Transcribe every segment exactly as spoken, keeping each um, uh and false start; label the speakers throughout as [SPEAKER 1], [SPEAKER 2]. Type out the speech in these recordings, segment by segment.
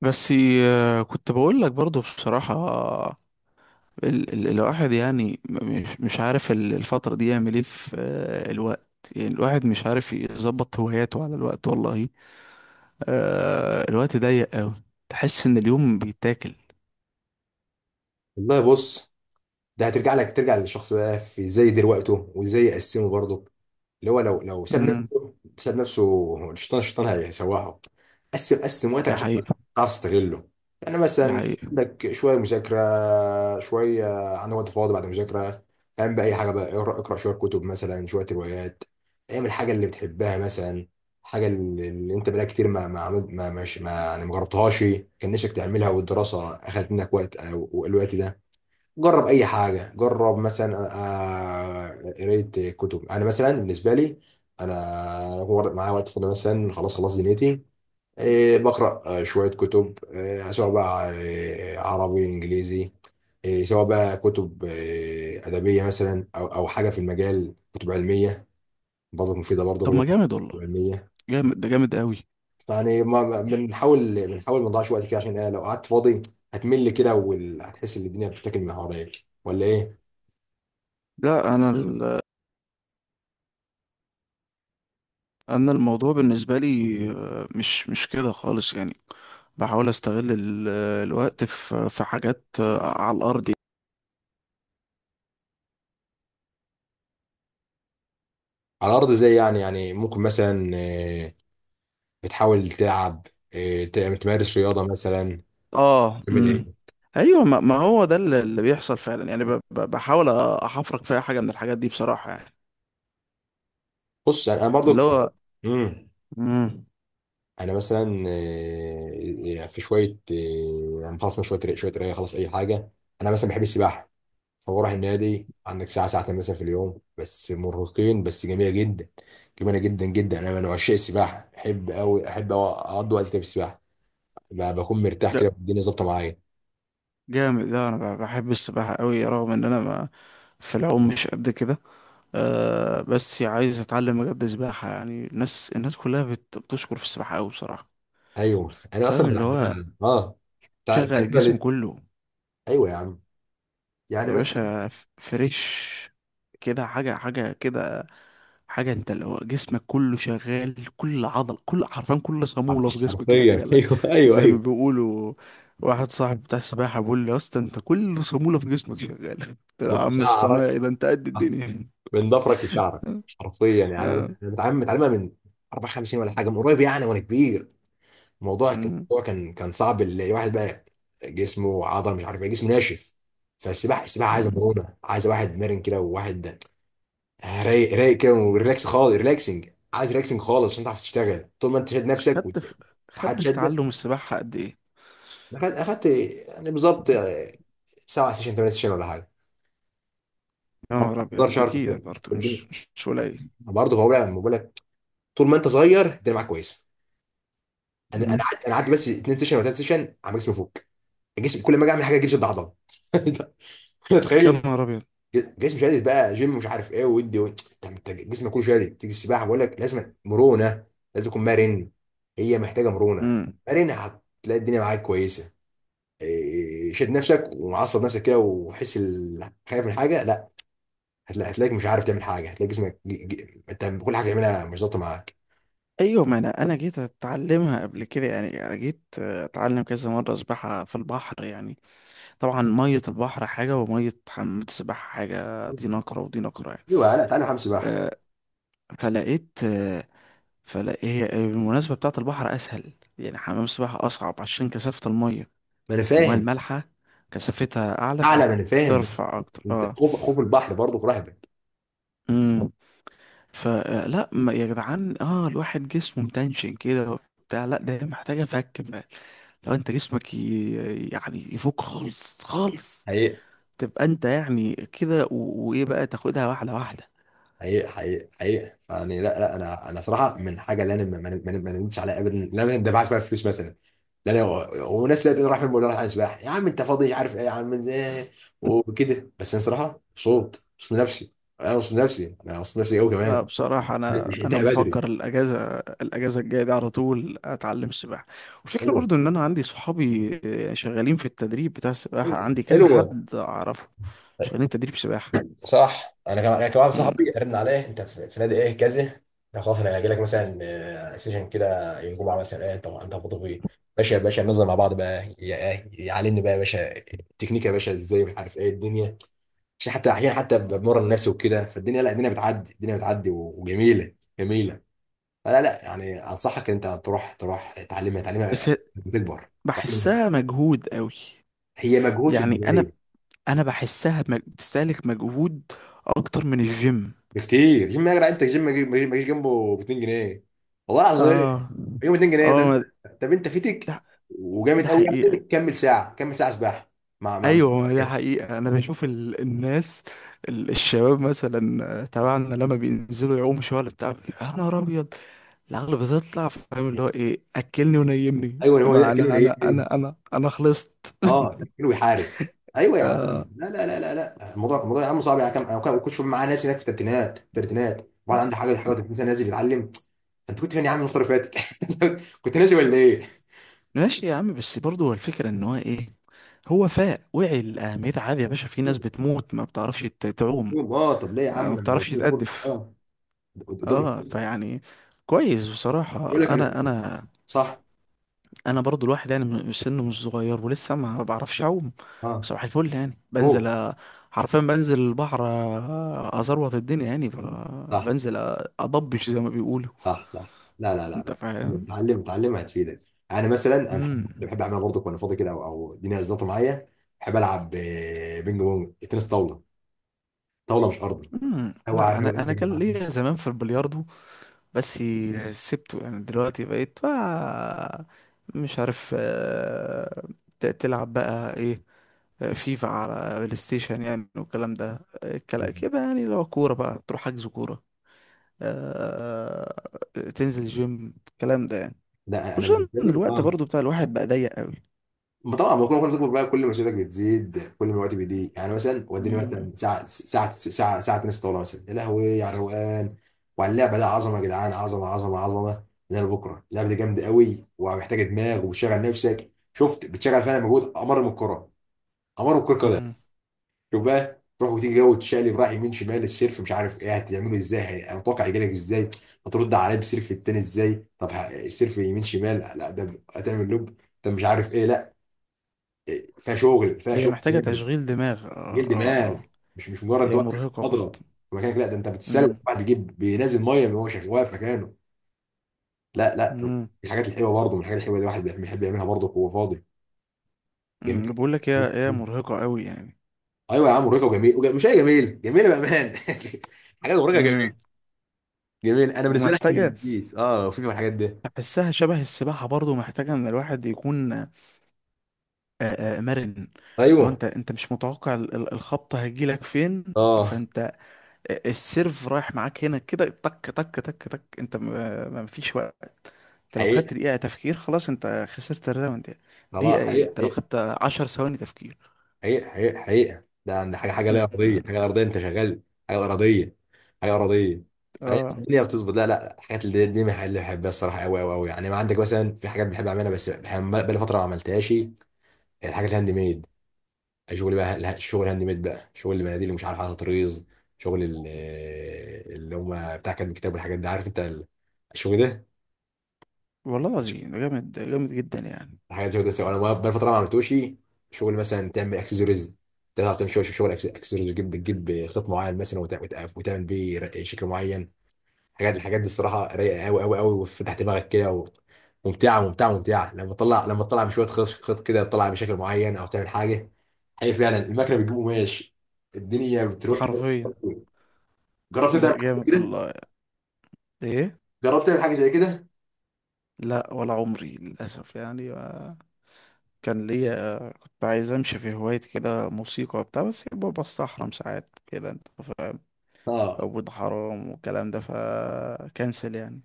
[SPEAKER 1] بس. آه، كنت بقول لك برضو بصراحة. ال ال الواحد يعني، م- مش مش عارف ال- الفترة دي يعمل ايه في آه، الوقت. يعني الواحد مش عارف يظبط هواياته على الوقت، والله آه الوقت ضيق قوي. تحس ان اليوم بيتاكل.
[SPEAKER 2] والله بص، ده هترجع لك ترجع للشخص بقى في ازاي يدير وقته وازاي يقسمه برضه. اللي هو لو لو ساب
[SPEAKER 1] امم
[SPEAKER 2] نفسه، ساب نفسه الشيطان الشيطان هيسوحه. قسم قسم وقتك
[SPEAKER 1] ده
[SPEAKER 2] عشان
[SPEAKER 1] حقيقة.
[SPEAKER 2] تعرف تستغله. يعني
[SPEAKER 1] ده
[SPEAKER 2] مثلا
[SPEAKER 1] حقيقة.
[SPEAKER 2] عندك شويه مذاكره، شويه، عندك وقت فاضي بعد المذاكره، اعمل بقى اي حاجه بقى، اقرا اقرا شويه كتب مثلا، شويه روايات. اعمل الحاجه اللي بتحبها مثلا، حاجه اللي اللي انت بقالك كتير ما ما عملت ما مش ما يعني ما جربتهاش، كان نفسك تعملها والدراسه اخذت منك وقت او الوقت ده. جرب اي حاجه، جرب مثلا آه، آه، قرايه كتب. انا مثلا بالنسبه لي، انا هو معايا وقت فاضي مثلا، خلاص خلاص دنيتي، آه، بقرا آه، شويه كتب، آه، سواء بقى آه، عربي انجليزي، آه، سواء بقى كتب آه، ادبيه مثلا، او او حاجه في المجال، كتب علميه برضه، مفيده برضه كل
[SPEAKER 1] طب ما
[SPEAKER 2] واحد.
[SPEAKER 1] جامد والله.
[SPEAKER 2] كتب علميه.
[SPEAKER 1] جامد، ده جامد قوي.
[SPEAKER 2] يعني ما ما- بنحاول بنحاول ما نضيعش وقت كده، عشان آه، لو قعدت فاضي هتمل كده وهتحس ان الدنيا بتتاكل من حواليك ولا ايه؟
[SPEAKER 1] لا انا ال- انا الموضوع بالنسبة لي آه، مش مش كده خالص يعني. بحاول استغل ال- الوقت في في حاجات آه، على الارض.
[SPEAKER 2] على الارض ازاي يعني؟ يعني ممكن مثلا آه، بتحاول تلعب، آه، ت- تمارس رياضه مثلا،
[SPEAKER 1] اه.
[SPEAKER 2] تعمل
[SPEAKER 1] امم
[SPEAKER 2] ايه؟
[SPEAKER 1] ايوه، ما ما هو ده اللي اللي بيحصل فعلا يعني، ب- ب- بحاول احفرك في اي حاجه من الحاجات دي بصراحه يعني.
[SPEAKER 2] بص انا أنا برضو.
[SPEAKER 1] اللي هو.
[SPEAKER 2] امم
[SPEAKER 1] امم
[SPEAKER 2] انا مثلا آه، آه، في شويه آه، يعني خلاص، من شويه ري- شويه قرايه، خلاص اي حاجه. انا مثلا بحب السباحه، فبروح النادي، عندك ساعه ساعتين مثلا في اليوم، بس مرهقين، بس جميله جدا. جميله جدا جدا، انا من عشاق السباحه، بحب قوي، احب أوي اقضي وقت كده في السباحه. ب- بكون مرتاح
[SPEAKER 1] لا
[SPEAKER 2] كده والدنيا ظابطه معايا.
[SPEAKER 1] جامد ده. انا ب- بحب السباحه قوي، رغم ان انا ما في العوم مش قد كده. آه، بس عايز اتعلم بجد سباحه. يعني الناس، الناس كلها بت- بتشكر في السباحه قوي بصراحه.
[SPEAKER 2] ايوه انا اصلا
[SPEAKER 1] فاهم اللي هو؟
[SPEAKER 2] بتعلمها. اه،
[SPEAKER 1] شغل الجسم كله.
[SPEAKER 2] ايوه يا عم. يعني
[SPEAKER 1] يا
[SPEAKER 2] مثلا
[SPEAKER 1] باشا ف- فريش كده، حاجه حاجه كده. حاجة انت لو جسمك كله شغال، كل عضل، كل، حرفيا كل صامولة في جسمك
[SPEAKER 2] حرفيا
[SPEAKER 1] شغالة،
[SPEAKER 2] ايوه، ايوه،
[SPEAKER 1] زي ما
[SPEAKER 2] ايوه.
[SPEAKER 1] بيقولوا. واحد صاحب بتاع السباحة بيقول لي: يا اسطى، انت كل صامولة في جسمك شغالة. قلت له: يا
[SPEAKER 2] من
[SPEAKER 1] عم
[SPEAKER 2] شعرك،
[SPEAKER 1] الصنايعي، ده انت قد الدنيا.
[SPEAKER 2] من ضفرك لشعرك، حرفيا. يعني انا
[SPEAKER 1] اه.
[SPEAKER 2] انا متعلم متعلمها من أربع وخمسين ولا حاجه، من قريب يعني وانا كبير. الموضوع كان-
[SPEAKER 1] مم.
[SPEAKER 2] الموضوع كان كان صعب، الواحد بقى جسمه عضله، مش عارف ايه، جسمه ناشف. فالسباحه، السباحه
[SPEAKER 1] مم.
[SPEAKER 2] عايزه مرونه، عايزه واحد مرن كده، وواحد رايق رايق كده، وريلاكس خالص، ريلاكسنج. عايز ريلاكسنج خالص عشان تعرف تشتغل. طول ما انت شاد نفسك وت-
[SPEAKER 1] خدت في
[SPEAKER 2] وحد
[SPEAKER 1] خدت في
[SPEAKER 2] شده.
[SPEAKER 1] تعلم السباحة قد ايه؟
[SPEAKER 2] اخدت أخدت، يعني بالظبط آه، سبع سيشن ثمان سيشن ولا حاجه.
[SPEAKER 1] يا
[SPEAKER 2] عمر
[SPEAKER 1] نهار ابيض،
[SPEAKER 2] اصغر شعر في
[SPEAKER 1] كتير برضه، مش
[SPEAKER 2] الفيلم
[SPEAKER 1] مش مش قليل.
[SPEAKER 2] برضه. هو بقى ما بقولك، طول ما انت صغير الدنيا معاك كويسه. انا انا
[SPEAKER 1] مم.
[SPEAKER 2] قعدت انا قعدت بس اتنين سيشن ولا ثلاث سيشن، عمال جسمي فوق، الجسم، كل ما اجي اعمل حاجه جسمي اتعضل.
[SPEAKER 1] يا
[SPEAKER 2] تخيل.
[SPEAKER 1] نهار ابيض.
[SPEAKER 2] جسمي شادد بقى جيم، مش عارف ايه، ودي و... طب انت جسمك كله شادد، تيجي السباحه بقول لك لازم مرونه، لازم تكون مرن. هي محتاجه مرونه،
[SPEAKER 1] مم.
[SPEAKER 2] مرن هتلاقي الدنيا معاك كويسه. إيه، شد نفسك ومعصب نفسك كده، وحس ال- خايف من حاجه، لا، هتلا- هتلاقيك مش عارف تعمل حاجه، هتلاقي جسمك ج- ج- انت كل حاجه تعملها مش ظابطه معاك.
[SPEAKER 1] ايوه ما انا انا جيت اتعلمها قبل كده، يعني انا جيت اتعلم كذا مرة سباحة في البحر يعني. طبعا مية البحر حاجة ومية حمام السباحة حاجة، دي نقرة ودي نقرة يعني.
[SPEAKER 2] ايوه، لا، تعالى حمام سباحه.
[SPEAKER 1] آه، فلقيت، آه، فلقيت هي بالمناسبة بتاعة البحر أسهل. يعني حمام السباحة أصعب عشان كثافة المية،
[SPEAKER 2] ما انا
[SPEAKER 1] المية
[SPEAKER 2] فاهم.
[SPEAKER 1] المالحة كثافتها أعلى
[SPEAKER 2] اعلى، ما انا فاهم، بس
[SPEAKER 1] فترفع أكتر.
[SPEAKER 2] انت
[SPEAKER 1] اه.
[SPEAKER 2] خوف خوف البحر برضه في رهبك.
[SPEAKER 1] امم فلا ما يا جدعان، اه الواحد جسمه متنشن كده بتاع. لا ده هي محتاجة فك بقى. لو انت جسمك ي... يعني يفك خالص خالص،
[SPEAKER 2] حقيقة
[SPEAKER 1] تبقى انت يعني كده و... وايه بقى، تاخدها واحدة واحدة.
[SPEAKER 2] حقيقة حقيقة حقيقة. فيعني لا، لا، انا انا صراحة من حاجة اللي انا ما ما- ما- ما ندمتش عليها ابدا، لا انا دفعت فيها فلوس مثلا. لا انا وناس لقيت انه راح فين، بقول له راح على سباحة، يا عم انت فاضي، عارف ايه، يا عم ازاي، وكده. بس انا صراحة مبسوط، مبسوط من نفسي. انا مبسوط من نفسي، انا مبسوط من نفسي قوي
[SPEAKER 1] لا
[SPEAKER 2] كمان.
[SPEAKER 1] بصراحة أنا أنا
[SPEAKER 2] لحقتها
[SPEAKER 1] بفكر
[SPEAKER 2] بدري.
[SPEAKER 1] الأجازة، الأجازة الجاية دي على طول أتعلم سباحة. والفكرة
[SPEAKER 2] حلوة،
[SPEAKER 1] برضو إن أنا عندي صحابي آه، شغالين في التدريب بتاع السباحة،
[SPEAKER 2] حلوة
[SPEAKER 1] عندي كذا
[SPEAKER 2] حلوة.
[SPEAKER 1] حد أعرفه شغالين تدريب سباحة.
[SPEAKER 2] صح، انا كمان انا كمان
[SPEAKER 1] مم.
[SPEAKER 2] صاحبي، رن عليه انت في في نادي ايه كذا، ده خلاص انا هاجي لك مثلا آه، سيشن كده، يوم الجمعه مثلا، ايه طب انت فاضي فيه؟ باشا يا باشا، ننزل مع بعض بقى، يا- إيه، يعلمني بقى يا باشا التكنيك، يا باشا ازاي، مش عارف ايه الدنيا، عشان حتى، عشان حتى بمرن نفسي وكده. فالدنيا، لا، الدنيا بتعدي، الدنيا بتعدي و- وجميله جميله. فلا لا يعني، انصحك ان انت تروح، تروح تعلمها،
[SPEAKER 1] بس
[SPEAKER 2] تعلمها بتكبر.
[SPEAKER 1] بحسها مجهود قوي.
[SPEAKER 2] هي مجهود في
[SPEAKER 1] يعني أنا
[SPEAKER 2] البدايه،
[SPEAKER 1] أنا بحسها مج- بتستهلك مجهود أكتر من الجيم.
[SPEAKER 2] بكتير. جيم يا جدع، انت جيم ما يجي- ما يجيش جنبه ب اتنين جنيه، والله العظيم.
[SPEAKER 1] آه
[SPEAKER 2] يوم جنيهين
[SPEAKER 1] آه
[SPEAKER 2] ده
[SPEAKER 1] ما-
[SPEAKER 2] طب انت فيتك،
[SPEAKER 1] ده, ده
[SPEAKER 2] وجامد قوي
[SPEAKER 1] حقيقة.
[SPEAKER 2] يعني، كمل ساعه، كمل ساعه سباحه، مع مع
[SPEAKER 1] ايوه ما دي
[SPEAKER 2] كده.
[SPEAKER 1] حقيقة، انا بشوف ال... الناس، ال... الشباب مثلا آه، تبعنا لما بينزلوا يعوموا شوية ولا بتاع. يا نهار ابيض، العقل بتطلع. فاهم اللي هو ايه؟ اكلني ونيمني،
[SPEAKER 2] ايوه، هو ده
[SPEAKER 1] ما
[SPEAKER 2] كيلو
[SPEAKER 1] انا انا
[SPEAKER 2] يهمني،
[SPEAKER 1] انا انا انا خلصت.
[SPEAKER 2] اه كيلو يحارب. ايوه يا عم،
[SPEAKER 1] آه،
[SPEAKER 2] لا لا لا لا لا، الموضوع الموضوع يا عم صعب يا عم. انا كنت كنت شوف معاه ناس هناك في الثلاثينات، الثلاثينات. وبعد عنده حاجه حاجه و30 سنه نازل يتعلم. انت كنت فين يا عم الفتره اللي فاتت؟ كنت ناسي ولا ايه؟
[SPEAKER 1] ماشي يا عم. بس برضه هو الفكرة ان هو ايه، هو فاق وعي لأهميتها. عادي يا باشا، في ناس بتموت ما بتعرفش ت- تعوم.
[SPEAKER 2] اه، طب ليه يا
[SPEAKER 1] آه،
[SPEAKER 2] عم؟
[SPEAKER 1] ما
[SPEAKER 2] لما انا
[SPEAKER 1] بتعرفش
[SPEAKER 2] قلت لك، فرصه
[SPEAKER 1] تأدف.
[SPEAKER 2] اه قدامك.
[SPEAKER 1] اه فيعني كويس بصراحة.
[SPEAKER 2] يقول لك انا.
[SPEAKER 1] انا انا
[SPEAKER 2] صح،
[SPEAKER 1] انا برضو، الواحد يعني، م- سنه مش صغير ولسه ما بعرفش اعوم.
[SPEAKER 2] اه،
[SPEAKER 1] صباح الفل يعني، بنزل،
[SPEAKER 2] اوه،
[SPEAKER 1] أ- حرفيا بنزل البحر، أ- ازروط الدنيا يعني. ف-
[SPEAKER 2] صح
[SPEAKER 1] بنزل أ- اضبش زي ما بيقولوا.
[SPEAKER 2] صح صح. لا لا لا
[SPEAKER 1] انت
[SPEAKER 2] لا،
[SPEAKER 1] فاهم.
[SPEAKER 2] اتعلم، اتعلم هتفيدك. انا مثلا انا بحب
[SPEAKER 1] امم.
[SPEAKER 2] بحب اعمل برضه وانا فاضي كده، او او الدنيا زلطه معايا، بحب العب آه، بينج بونج، تنس طاوله، طاوله مش ارضي،
[SPEAKER 1] امم
[SPEAKER 2] او على
[SPEAKER 1] لا انا، انا كان
[SPEAKER 2] الروقان يا
[SPEAKER 1] ليا زمان في البلياردو، بس سبته. يعني دلوقتي بقيت بقى مش عارف آه، ت- تلعب بقى ايه، آه، فيفا على بلاي ستيشن يعني، والكلام ده. آه، الكلام
[SPEAKER 2] جماعه.
[SPEAKER 1] كده يعني، لو كورة بقى تروح حجز كورة، آه، تنزل جيم، الكلام ده يعني.
[SPEAKER 2] لا، انا
[SPEAKER 1] خصوصا
[SPEAKER 2] بالنسبه
[SPEAKER 1] ان
[SPEAKER 2] لي
[SPEAKER 1] الوقت
[SPEAKER 2] اه.
[SPEAKER 1] برضو بتاع الواحد بقى ضيق قوي.
[SPEAKER 2] ما طبعا ما كل ما كنت بتكبر بقى كل مسؤوليتك بتزيد، كل ما الوقت بيضيق. يعني مثلا وديني مثلا
[SPEAKER 1] مم.
[SPEAKER 2] ساعه، ساعه ساعه ساعه تنس طاوله مثلا، يا لهوي، على الروقان وعلى اللعبه ده، عظمه يا جدعان، عظمه عظمه عظمه. من بكره، اللعبه دي جامده قوي ومحتاجه دماغ، وبتشغل نفسك، شفت، بتشغل فعلا مجهود امر من الكره، امر من الكره قدم.
[SPEAKER 1] مم.
[SPEAKER 2] شوف بقى، تروح وتيجي، جو تشقلب رايح يمين شمال، السيرف مش عارف ايه هتعمله ازاي، هي- انا متوقع يجيلك ازاي، هترد عليه بسيرف التاني ازاي، طب ه- السيرف يمين شمال، لا ده هتعمل لوب، ده مش عارف ايه، لا. فيها شغل، فيها
[SPEAKER 1] هي
[SPEAKER 2] شغل
[SPEAKER 1] محتاجة
[SPEAKER 2] جامد،
[SPEAKER 1] تشغيل دماغ. اه
[SPEAKER 2] غير
[SPEAKER 1] اه
[SPEAKER 2] دماغ.
[SPEAKER 1] اه.
[SPEAKER 2] مش مش مجرد انت
[SPEAKER 1] هي
[SPEAKER 2] واقف في
[SPEAKER 1] مرهقة برضو.
[SPEAKER 2] مضرب في مكانك، لا، ده انت بتتسلق،
[SPEAKER 1] مم.
[SPEAKER 2] واحد يجيب بينزل ميه، من هو شغال واقف مكانه. لا لا،
[SPEAKER 1] مم.
[SPEAKER 2] الحاجات الحلوه برضه، من الحاجات الحلوه اللي الواحد بيحب بيحب يعملها برضه وهو فاضي. جميل.
[SPEAKER 1] مم. بقول لك، هي هي مرهقة قوي يعني.
[SPEAKER 2] ايوه يا عم، مرهقه وجميل، وج- مش هي جميل، جميله بامان حاجات مرهقه جميل،
[SPEAKER 1] مم.
[SPEAKER 2] جميل. انا بالنسبه لي احسن من
[SPEAKER 1] ومحتاجة،
[SPEAKER 2] البيت، اه، وفي في الحاجات دي.
[SPEAKER 1] أحسها شبه السباحة برضو، محتاجة إن الواحد يكون آه، آه، مرن. لو
[SPEAKER 2] ايوه،
[SPEAKER 1] أنت أنت مش متوقع ال- ال- الخبطة هتجيلك فين.
[SPEAKER 2] اه.
[SPEAKER 1] فأنت السيرف رايح معاك هنا كده، تك تك تك تك، انت ما ما- مفيش وقت. انت لو
[SPEAKER 2] حقيقة،
[SPEAKER 1] خدت دقيقة تفكير خلاص، انت خسرت الراوند يعني.
[SPEAKER 2] خلاص،
[SPEAKER 1] دقيقة ايه، انت لو
[SPEAKER 2] حقيقة
[SPEAKER 1] خدت عشر ثواني تفكير.
[SPEAKER 2] حقيقة حقيقة حقيقة. ده ده حاجة حاجة
[SPEAKER 1] م-
[SPEAKER 2] لا أرضية،
[SPEAKER 1] م-
[SPEAKER 2] حاجة لا أرضية، أنت شغال، حاجة أرضية، حاجة أرضية. فهي
[SPEAKER 1] اه
[SPEAKER 2] الدنيا بتظبط، لا لا، الحاجات اللي دي من الحاجات اللي بحبها الصراحة، أوي أوي أوي. يعني ما عندك مثلا في حاجات بحب أعملها، بس بحب- بقالي فترة ما عملتهاش. الحاجات الهاند ميد، شغل بقى، لا، شغل هاند ميد بقى، شغل المناديل اللي مش عارف، على طريز، شغل ال- اللي هم بتاع كاتب الكتاب والحاجات دي، عارف أنت ال- الشغل ده؟
[SPEAKER 1] والله العظيم، ده جامد، ده جامد جدا يعني.
[SPEAKER 2] حاجات زي كده، سواء، انا بقى فتره ما عملتوش. شغل مثلا، تعمل اكسسوارز، تعرف تعمل شغل شغل اكسسوارز، وتجيب تجيب خيط معين مثلا، وت- وت- وتعمل بيه ر- شكل معين. الحاجات الحاجات دي الصراحه رايقه قوي قوي قوي، وفتح دماغك كده و- ممتعه ممتعه ممتعه. لما تطلع، لما تطلع بشويه خيط، خيط كده، تطلع بشكل معين او تعمل حاجه، هي فعلا المكنه بتجيب قماش، الدنيا بتروق.
[SPEAKER 1] حرفيا.
[SPEAKER 2] جربت
[SPEAKER 1] لا
[SPEAKER 2] تعمل حاجه
[SPEAKER 1] جامد
[SPEAKER 2] كده؟
[SPEAKER 1] والله. ايه.
[SPEAKER 2] جربت تعمل حاجه زي كده؟
[SPEAKER 1] لا ولا عمري للأسف يعني، ما- كان ليا، كنت عايز امشي في هواية كده، موسيقى وبتاع، بس بستحرم ساعات كده انت فاهم.
[SPEAKER 2] اه
[SPEAKER 1] عبود، حرام والكلام ده، فكنسل يعني.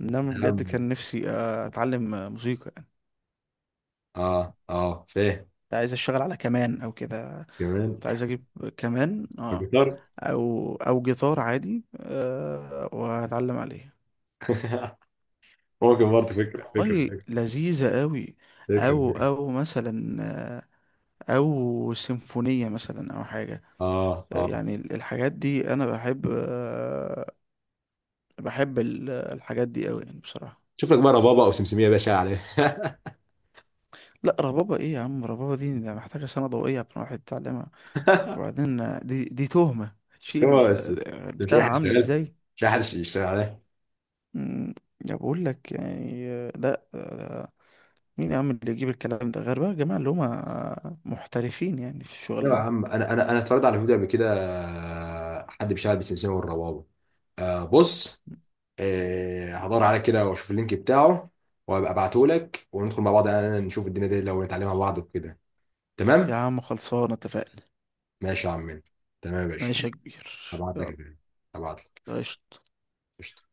[SPEAKER 1] انما
[SPEAKER 2] يا
[SPEAKER 1] بجد
[SPEAKER 2] عم،
[SPEAKER 1] كان نفسي آه، اتعلم آه، موسيقى يعني.
[SPEAKER 2] اه اه فاهم.
[SPEAKER 1] كنت عايز اشتغل على كمان او كده.
[SPEAKER 2] كمان.
[SPEAKER 1] كنت عايز اجيب كمان. اه،
[SPEAKER 2] الجيتار.
[SPEAKER 1] او او جيتار عادي، آه، وهتعلم عليه.
[SPEAKER 2] ممكن برضه، فكرة، فكرة
[SPEAKER 1] والله
[SPEAKER 2] فكرة
[SPEAKER 1] لذيذة قوي.
[SPEAKER 2] فكرة
[SPEAKER 1] او
[SPEAKER 2] فكرة.
[SPEAKER 1] او مثلا آه، او سيمفونية مثلا او حاجة.
[SPEAKER 2] اه
[SPEAKER 1] آه،
[SPEAKER 2] اه،
[SPEAKER 1] يعني الحاجات دي انا بحب، آه، بحب ال- الحاجات دي قوي يعني بصراحة.
[SPEAKER 2] شوف لك بقى ربابة او سمسمية يا باشا عليه.
[SPEAKER 1] لا ربابة ايه يا عم، ربابة دي، ده محتاجة سنة ضوئية عشان واحد يتعلمها. وبعدين دي دي تهمة
[SPEAKER 2] هو
[SPEAKER 1] هتشيل.
[SPEAKER 2] بس
[SPEAKER 1] ده-
[SPEAKER 2] بس،
[SPEAKER 1] ده
[SPEAKER 2] مش اي حد
[SPEAKER 1] البتاع عاملة
[SPEAKER 2] شغال،
[SPEAKER 1] ازاي.
[SPEAKER 2] مش اي حد يشتغل عليه.
[SPEAKER 1] مم، ده بقول لك يعني. لا ده، مين يا عم اللي يجيب الكلام ده غير بقى الجماعة اللي هما محترفين يعني في
[SPEAKER 2] ايوه يا
[SPEAKER 1] الشغلانة.
[SPEAKER 2] عم، انا انا انا اتفرجت على فيديو قبل كده آه، حد بيشتغل بالسمسمية والربابة. آه بص، آه هدور عليه كده واشوف اللينك بتاعه، وابقى ابعته لك وندخل مع بعض انا، نشوف الدنيا دي لو نتعلمها مع بعض وكده.
[SPEAKER 1] يا
[SPEAKER 2] تمام.
[SPEAKER 1] عم خلصانة، اتفقنا.
[SPEAKER 2] ماشي يا عم منه. تمام يا باشا.
[SPEAKER 1] ماشي يا كبير.
[SPEAKER 2] هبعت لك
[SPEAKER 1] يلا.
[SPEAKER 2] الفيديو، هبعت لك.
[SPEAKER 1] قشطة.
[SPEAKER 2] قشطة،